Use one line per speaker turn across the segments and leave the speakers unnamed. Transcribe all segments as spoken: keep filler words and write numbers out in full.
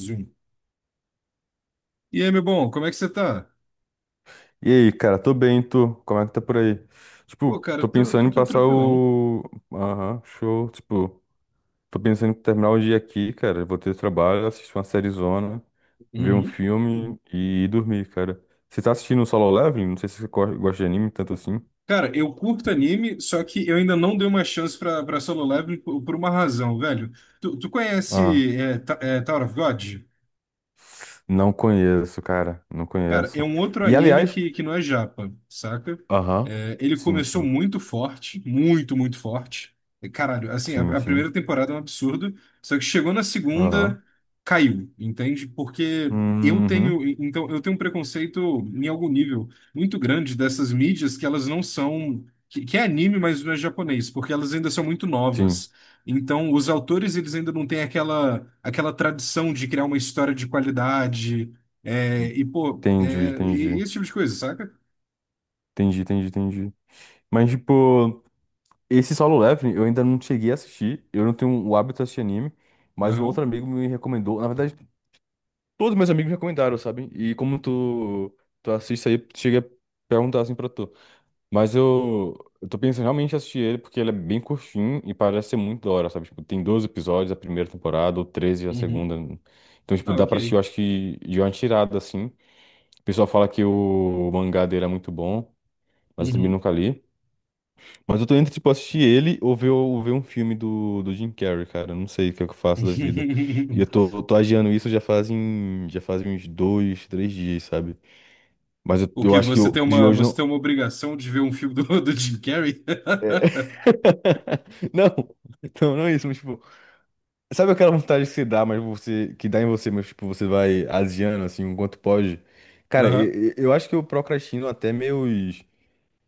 Zoom. E aí, meu bom, como é que você tá?
E aí, cara, tô bem, tu? Como é que tá por aí?
Pô,
Tipo,
cara,
tô
eu tô, tô,
pensando em
tô
passar
tranquilão.
o. Aham, show. Tipo, tô pensando em terminar o dia aqui, cara. Vou ter trabalho, assistir uma sériezona, ver um
Uhum.
filme e dormir, cara. Você tá assistindo o Solo Leveling? Não sei se você co- gosta de anime tanto assim.
Cara, eu curto anime, só que eu ainda não dei uma chance pra, pra Solo Leveling por, por uma razão, velho. Tu, tu
Ah,
conhece é, Ta- é, Tower of God?
não conheço, cara. Não
Cara, é
conheço.
um outro
E
anime
aliás.
que, que não é japa, saca?
Aham.
É, ele
Sim,
começou
sim.
muito forte, muito, muito forte. E, Caralho, assim, a,
Sim,
a
sim.
primeira temporada é um absurdo, só que chegou na
Aham.
segunda, caiu, entende? Porque eu
Uhum.
tenho, então, eu tenho um preconceito em algum nível muito grande dessas mídias que elas não são, que, que é anime, mas não é japonês, porque elas ainda são muito
Sim.
novas. Então, os autores, eles ainda não têm aquela, aquela tradição de criar uma história de qualidade, é, e, pô, é,
Entendi,
e,
entendi.
e esse tipo de coisa, saca?
Entendi, entendi, entendi. Mas, tipo. Esse Solo Leveling eu ainda não cheguei a assistir. Eu não tenho o hábito de assistir anime, mas um outro
Aham.
amigo me recomendou. Na verdade, todos meus amigos me recomendaram, sabe? E como tu, tu assiste aí, cheguei a perguntar assim pra tu. Mas eu, eu tô pensando realmente em assistir ele porque ele é bem curtinho e parece ser muito da hora, sabe? Tipo, tem doze episódios a primeira temporada ou treze a
Uhum.
segunda. Então, tipo,
Ah,
dá
ok.
pra assistir, eu acho que de uma tirada assim. O pessoal fala que o mangá dele é muito bom, mas eu também
Uhum.
nunca li. Mas eu tô entre, tipo, assistir ele ou ver, ou ver um filme do, do Jim Carrey, cara. Eu não sei o que é que eu faço da vida. E eu tô, eu tô adiando isso já fazem, já fazem uns dois, três dias, sabe? Mas eu,
O
eu
que
acho que
Você
eu,
tem
de
uma,
hoje
você
não.
tem uma obrigação de ver um filme do, do Jim Carrey?
Não, não, não é isso, mas, tipo, sabe aquela vontade que você dá, mas você, que dá em você, mas, tipo, você vai asiando, assim, o quanto pode? Cara,
Aham.
eu, eu acho que eu procrastino até meus.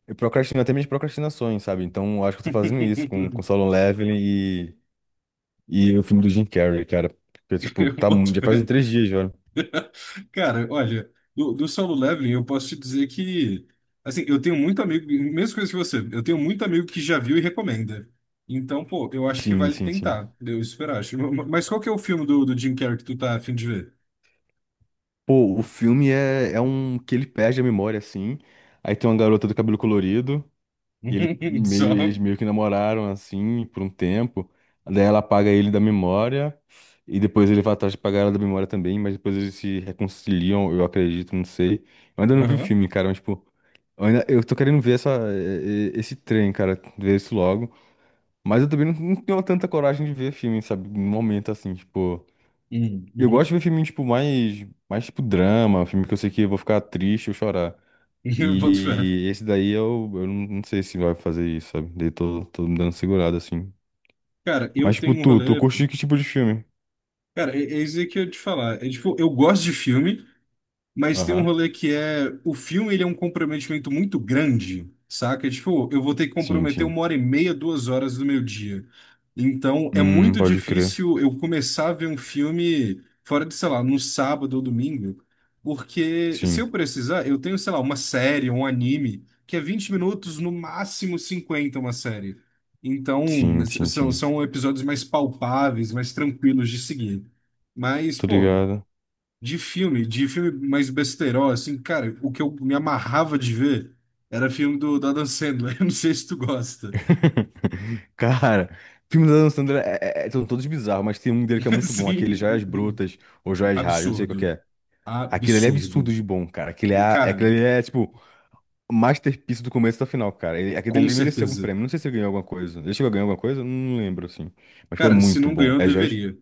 Eu procrastino até minhas procrastinações, sabe? Então, eu acho que eu tô fazendo isso com, com Solo Leveling e o filme do Jim Carrey, cara. Porque, tipo,
Eu
tá, mu-
boto
já fazem
fé.
três dias já.
Cara, olha, do, do Solo Leveling eu posso te dizer que, assim, eu tenho muito amigo, mesma coisa que você, eu tenho muito amigo que já viu e recomenda. Então, pô, eu acho que
Sim,
vale
sim, sim.
tentar, eu esperar. Acho- Mas qual que é o filme do, do Jim Carrey que tu tá a fim de ver?
Pô, o filme é, é um que ele perde a memória, assim. Aí tem uma garota do cabelo colorido. E ele meio,
Só.
eles meio que namoraram, assim, por um tempo. Daí ela apaga ele da memória. E depois ele vai atrás de pagar ela da memória também. Mas depois eles se reconciliam, eu acredito, não sei. Eu ainda não vi o
Aham.
filme, cara, mas, tipo, eu, ainda, eu tô querendo ver essa, eh, eh, esse trem, cara. Ver isso logo. Mas eu também não, não tenho tanta coragem de ver filme, sabe? No momento, assim, tipo.
Uhum.
Eu gosto
Uhum.
de ver filme, tipo, mais, mais tipo drama, filme que eu sei que eu vou ficar triste ou chorar.
Eu boto fé.
E esse daí eu, eu não não sei se vai fazer isso, sabe? Daí tô, tô me dando segurado, assim.
Cara, eu
Mas, tipo,
tenho um
tu, tu
rolê.
curte que tipo de filme?
Cara, é, é isso aí que eu ia te falar. É tipo, eu gosto de filme. Mas tem um
Aham.
rolê que é, o filme ele é um comprometimento muito grande, saca? Tipo, eu vou ter que
Sim,
comprometer
sim.
uma hora e meia, duas horas do meu dia. Então, é
Hum,
muito
pode crer.
difícil eu começar a ver um filme fora de, sei lá, no sábado ou domingo, porque se
Sim,
eu precisar, eu tenho, sei lá, uma série, um anime, que é vinte minutos, no máximo cinquenta uma série. Então,
sim,
s-
sim,
são,
sim.
são episódios mais palpáveis, mais tranquilos de seguir. Mas,
Tô
pô.
ligado.
De filme, de filme mais besteirol, assim, cara, o que eu me amarrava de ver era filme do, do Adam Sandler. Eu não sei se tu gosta.
Cara, filmes da Adam Sandler é, é- é- são todos bizarros, mas tem um dele que é muito bom, aquele Joias
Assim,
Brutas ou Joias Raras, não sei qual que
absurdo.
é. Aquele ali é absurdo
Absurdo.
de bom, cara. Aquele, é, a-
Cara,
aquele ali é, tipo, masterpiece do começo ao final, cara. Ele, aquele
com
ali merecia algum
certeza.
prêmio. Não sei se ele ganhou alguma coisa. Ele chegou a ganhar alguma coisa? Não lembro, assim. Mas foi
Cara, se
muito
não
bom.
ganhou,
É Joyce?
deveria.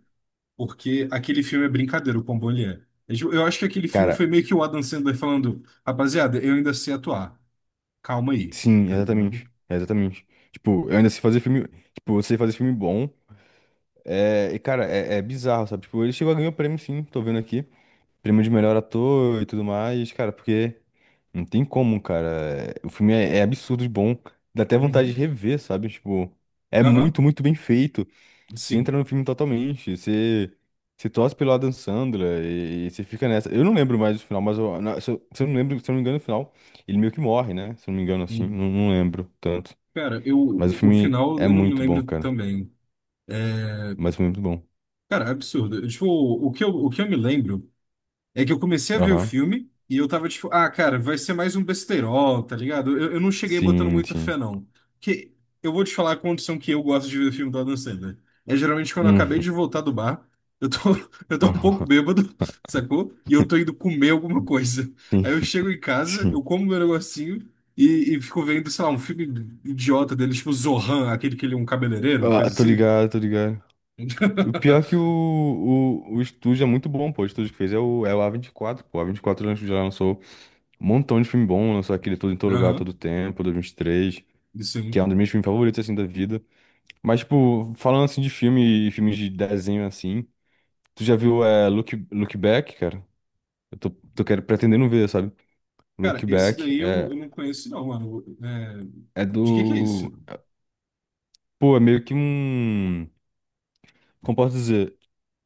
Porque aquele filme é brincadeira, o quão bom ele é. É tipo, eu acho que aquele filme
Cara,
foi meio que o Adam Sandler falando, rapaziada, eu ainda sei atuar. Calma aí,
sim,
tá
exatamente.
ligado?
Exatamente. Tipo, eu ainda sei fazer filme. Tipo, eu sei fazer filme bom. É, e, cara, é, é bizarro, sabe? Tipo, ele chegou a ganhar o prêmio, sim. Tô vendo aqui. Prêmio de melhor ator e tudo mais, cara, porque não tem como, cara. O filme é, é absurdo de bom. Dá até vontade
Uhum.
de rever, sabe? Tipo, é
Aham,
muito, muito bem feito. Você
sim.
entra no filme totalmente, você, você torce pelo Adam Sandler e, e você fica nessa. Eu não lembro mais do final, mas eu, na- se, eu, se eu não lembro, se eu não me engano, no final, ele meio que morre, né? Se eu não me engano, assim,
Hum.
não, não lembro tanto.
Cara, eu,
Mas o
o o
filme
final
é
eu não me
muito bom,
lembro
cara.
também. É,
Mas o filme é muito bom.
cara, é absurdo. Tipo, o que eu, o que eu me lembro é que eu comecei a ver o
Aham.
filme e eu tava tipo, ah, cara, vai ser mais um besterol, tá ligado? Eu, eu não cheguei botando
Sim,
muita fé,
sim.
não. Que eu vou te falar a condição que eu gosto de ver filme do Adam Sandler. É geralmente quando eu acabei de
Uhum.
voltar do bar, eu tô, eu tô um pouco
Aham.
bêbado, sacou? E eu tô indo comer alguma coisa.
Sim,
Aí eu chego em casa, eu
sim.
como meu negocinho e, e fico vendo, sei lá, um filme idiota dele, tipo Zohan, aquele que ele é um cabeleireiro,
Ah,
coisa
tô
assim.
ligado, tô ligado. O pior é que o, o, o estúdio é muito bom, pô. O estúdio que fez é o, é o a vinte e quatro pô. A O A vinte e quatro já lançou um montão de filme bom, lançou aquele Tudo em Todo Lugar,
Aham,
Todo Tempo, dois mil e vinte e três,
isso
que
aí.
é um dos meus filmes favoritos, assim, da vida. Mas, tipo, falando, assim, de filme e filmes de desenho, assim, tu já viu é, Look, Look Back, cara? Eu tô, tô querendo, pretendendo ver, sabe?
Cara,
Look
esse
Back
daí eu, eu
é,
não conheço, não, mano. É,
é
de que que é
do...
isso?
Pô, é meio que um... Como posso dizer?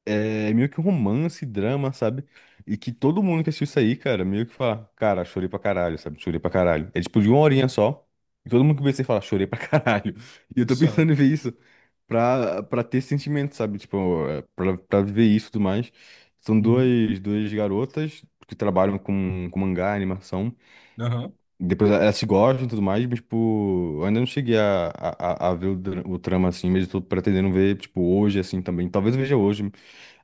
É meio que um romance, drama, sabe? E que todo mundo que assistiu isso aí, cara, meio que fala, cara, chorei pra caralho, sabe? Chorei pra caralho. É tipo de uma horinha só. E todo mundo que vê isso aí fala, chorei pra caralho. E eu tô
Isso.
pensando em
Ó.
ver isso pra, pra ter esse sentimento, sabe? Tipo, é, pra, pra viver isso e tudo mais. São
Uhum.
duas, duas garotas que trabalham com, com mangá, animação.
Aham.
Depois elas se gostam e tudo mais, mas, tipo, eu ainda não cheguei a, a, a a ver o, dra- o trama assim, mas eu tô pretendendo ver, tipo, hoje, assim, também. Talvez eu veja hoje. Aí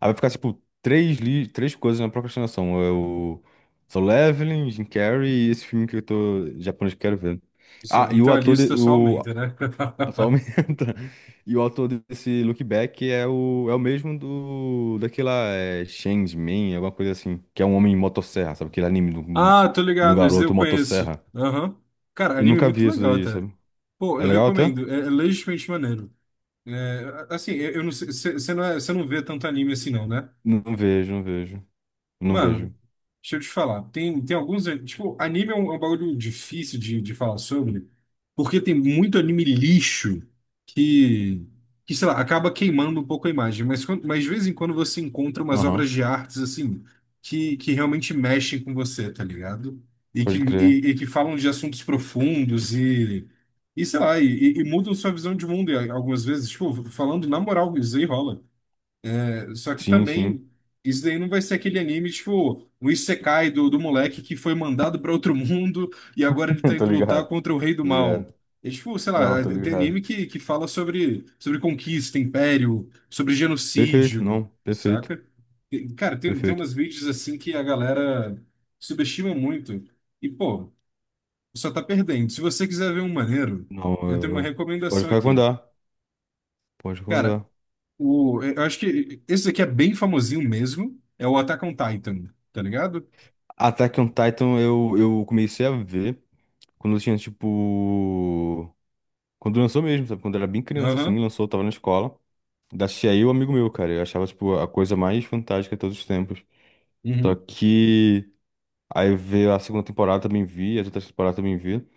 vai ficar, tipo, três, li três coisas na procrastinação. É o Solo Leveling, Jim Carrey e esse filme que eu tô japonês que eu quero ver.
Isso. Ó.
Ah, e o
Então a
ator de,
lista só
o
aumenta, né?
só aumenta. E o ator desse Look Back é o é o mesmo do daquela é, Man, alguma coisa assim, que é um homem em motosserra, sabe? Aquele anime do-
Ah, tô
de um
ligado, esse daí
garoto
eu conheço.
motosserra.
Aham. Cara,
Eu
anime é
nunca
muito
vi isso
legal
daí,
até.
sabe?
Pô,
É
eu
legal até?
recomendo. É, é legitimamente maneiro. É, assim, eu, eu não sei. Você não, é, cê não vê tanto anime assim, não, né?
Não vejo, não vejo. Não vejo.
Mano, deixa eu te falar, tem, tem alguns. eh, Tipo, anime é um, é um bagulho difícil de, de falar sobre, porque tem muito anime lixo que, que, sei lá, acaba queimando um pouco a imagem. Mas, quando- mas de vez em quando você encontra umas
Aham,
obras de artes, assim, que, que realmente mexem com você, tá ligado? E que,
pode crer.
e, e que falam de assuntos profundos e, e sei lá, e, e- e mudam sua visão de mundo e algumas vezes. Tipo, falando na moral, isso aí rola. Só que
Sim, sim.
também, isso daí não vai ser aquele anime, tipo, o Isekai do, do moleque que foi mandado para outro mundo e agora ele tá
Tô
indo lutar
ligado,
contra o rei do
tô
mal.
ligado.
É tipo, sei lá,
Não, tô
é, tem
ligado.
anime que, que fala sobre, sobre conquista, império, sobre
Perfeito,
genocídio,
não, perfeito,
saca? E, cara, tem, tem
perfeito.
umas vídeos assim que a galera subestima muito. E, pô, só tá perdendo. Se você quiser ver um maneiro,
Não,
eu tenho uma
eu... Pode
recomendação aqui.
recomendar, pode
Cara,
recomendar.
o, é, eu acho que esse aqui é bem famosinho mesmo. É o Attack on Titan, tá ligado?
Attack on Titan eu, eu comecei a ver quando eu tinha, tipo... Quando lançou mesmo, sabe? Quando eu era bem criança,
Aham.
assim, lançou, eu tava na escola. Da aí o amigo meu, cara. Eu achava, tipo, a coisa mais fantástica de todos os tempos. Só
Uhum.
que... Aí veio a segunda temporada, também vi, as outras temporadas também vi.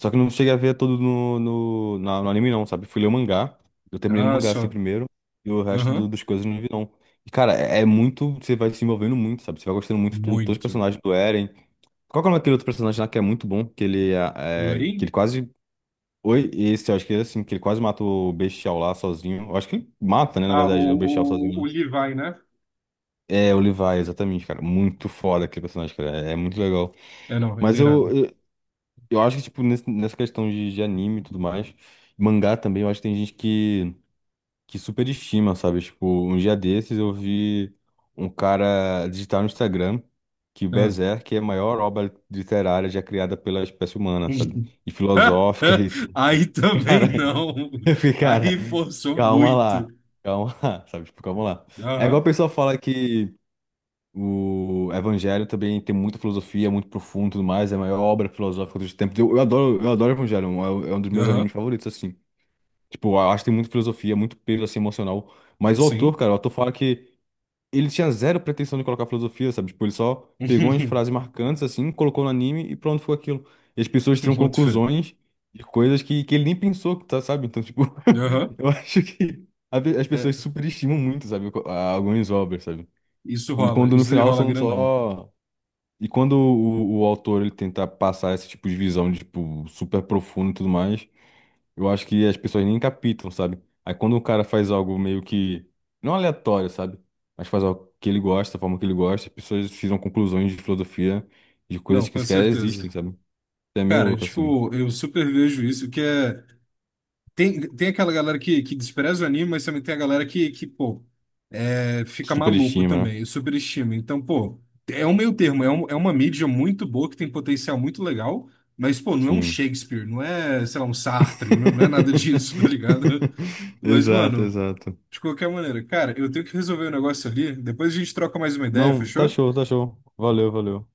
Só que eu não cheguei a ver todo no, no, na- no anime, não, sabe? Fui ler o mangá. Eu terminei no
Ah,
mangá assim
só.
primeiro. E o resto do-
Aham.
das coisas eu não vi, não. E, cara, é, é muito. Você vai se envolvendo muito, sabe? Você vai gostando muito do, todos os
Muito.
personagens do Eren. Qual que é o nome daquele outro personagem lá que é muito bom? Que ele é,
O
é- que
Lorin?
ele quase. Oi, esse, eu acho que ele assim, que ele quase mata o Bestial lá sozinho. Eu acho que ele mata, né, na
Ah, o,
verdade, né, o Bestial sozinho,
o,
né?
o Levi, né?
É, o Levi, exatamente, cara. Muito foda aquele personagem, cara. É, é muito legal.
É, não, ele
Mas
era.
eu, Eu acho que, tipo, nesse- nessa questão de, de anime e tudo mais, mangá também, eu acho que tem gente que, que superestima, sabe? Tipo, um dia desses eu vi um cara digitar no Instagram que
Ah.
Berserk é a maior obra literária já criada pela espécie humana, sabe? E filosófica e...
Aí também
Cara,
não.
eu fiquei, cara,
Aí forçou
calma lá,
muito.
calma lá, sabe? Tipo, calma lá. É igual a
Aham.
pessoa fala que o Evangelho também tem muita filosofia, muito profundo e tudo mais. É a maior obra filosófica dos tempos. Eu, eu adoro, eu adoro Evangelho, é, um é um dos meus
Aham.
animes favoritos, assim. Tipo, eu acho que tem muita filosofia, muito peso, assim, emocional. Mas o autor,
Sim.
cara, o autor fala que ele tinha zero pretensão de colocar filosofia, sabe? Tipo, ele só pegou umas frases marcantes, assim, colocou no anime e pronto, foi aquilo. E as pessoas tiram
Boto fé.
conclusões de coisas que, que ele nem pensou, tá, sabe? Então, tipo,
Aham.
eu acho que a pe- as pessoas
É,
superestimam muito, sabe? co- a- Algumas obras, sabe?
isso
Quando,
rola.
quando no
Isso aí
final
rola
são
grandão.
só e quando o, o autor ele tenta passar esse tipo de visão de tipo super profundo e tudo mais, eu acho que as pessoas nem captam, sabe? Aí quando o cara faz algo meio que não aleatório, sabe? Mas faz algo que ele gosta, da forma que ele gosta, as pessoas tiram conclusões de filosofia de
Não,
coisas que
com
sequer
certeza.
existem, sabe? É meio
Cara,
louco assim.
tipo, eu super vejo isso, que é. Tem, tem aquela galera que, que despreza o anime, mas também tem a galera que, que pô, é, fica maluco
Superestima, né?
também, superestima. Então, pô, é um meio termo, é, um, é uma mídia muito boa, que tem potencial muito legal, mas, pô, não é um
Sim.
Shakespeare, não é, sei lá, um Sartre, não, não é nada disso, tá ligado? Mas,
Exato,
mano,
exato.
de qualquer maneira, cara, eu tenho que resolver o negócio ali, depois a gente troca mais uma ideia,
Não, tá show,
fechou?
tá show. Valeu, valeu.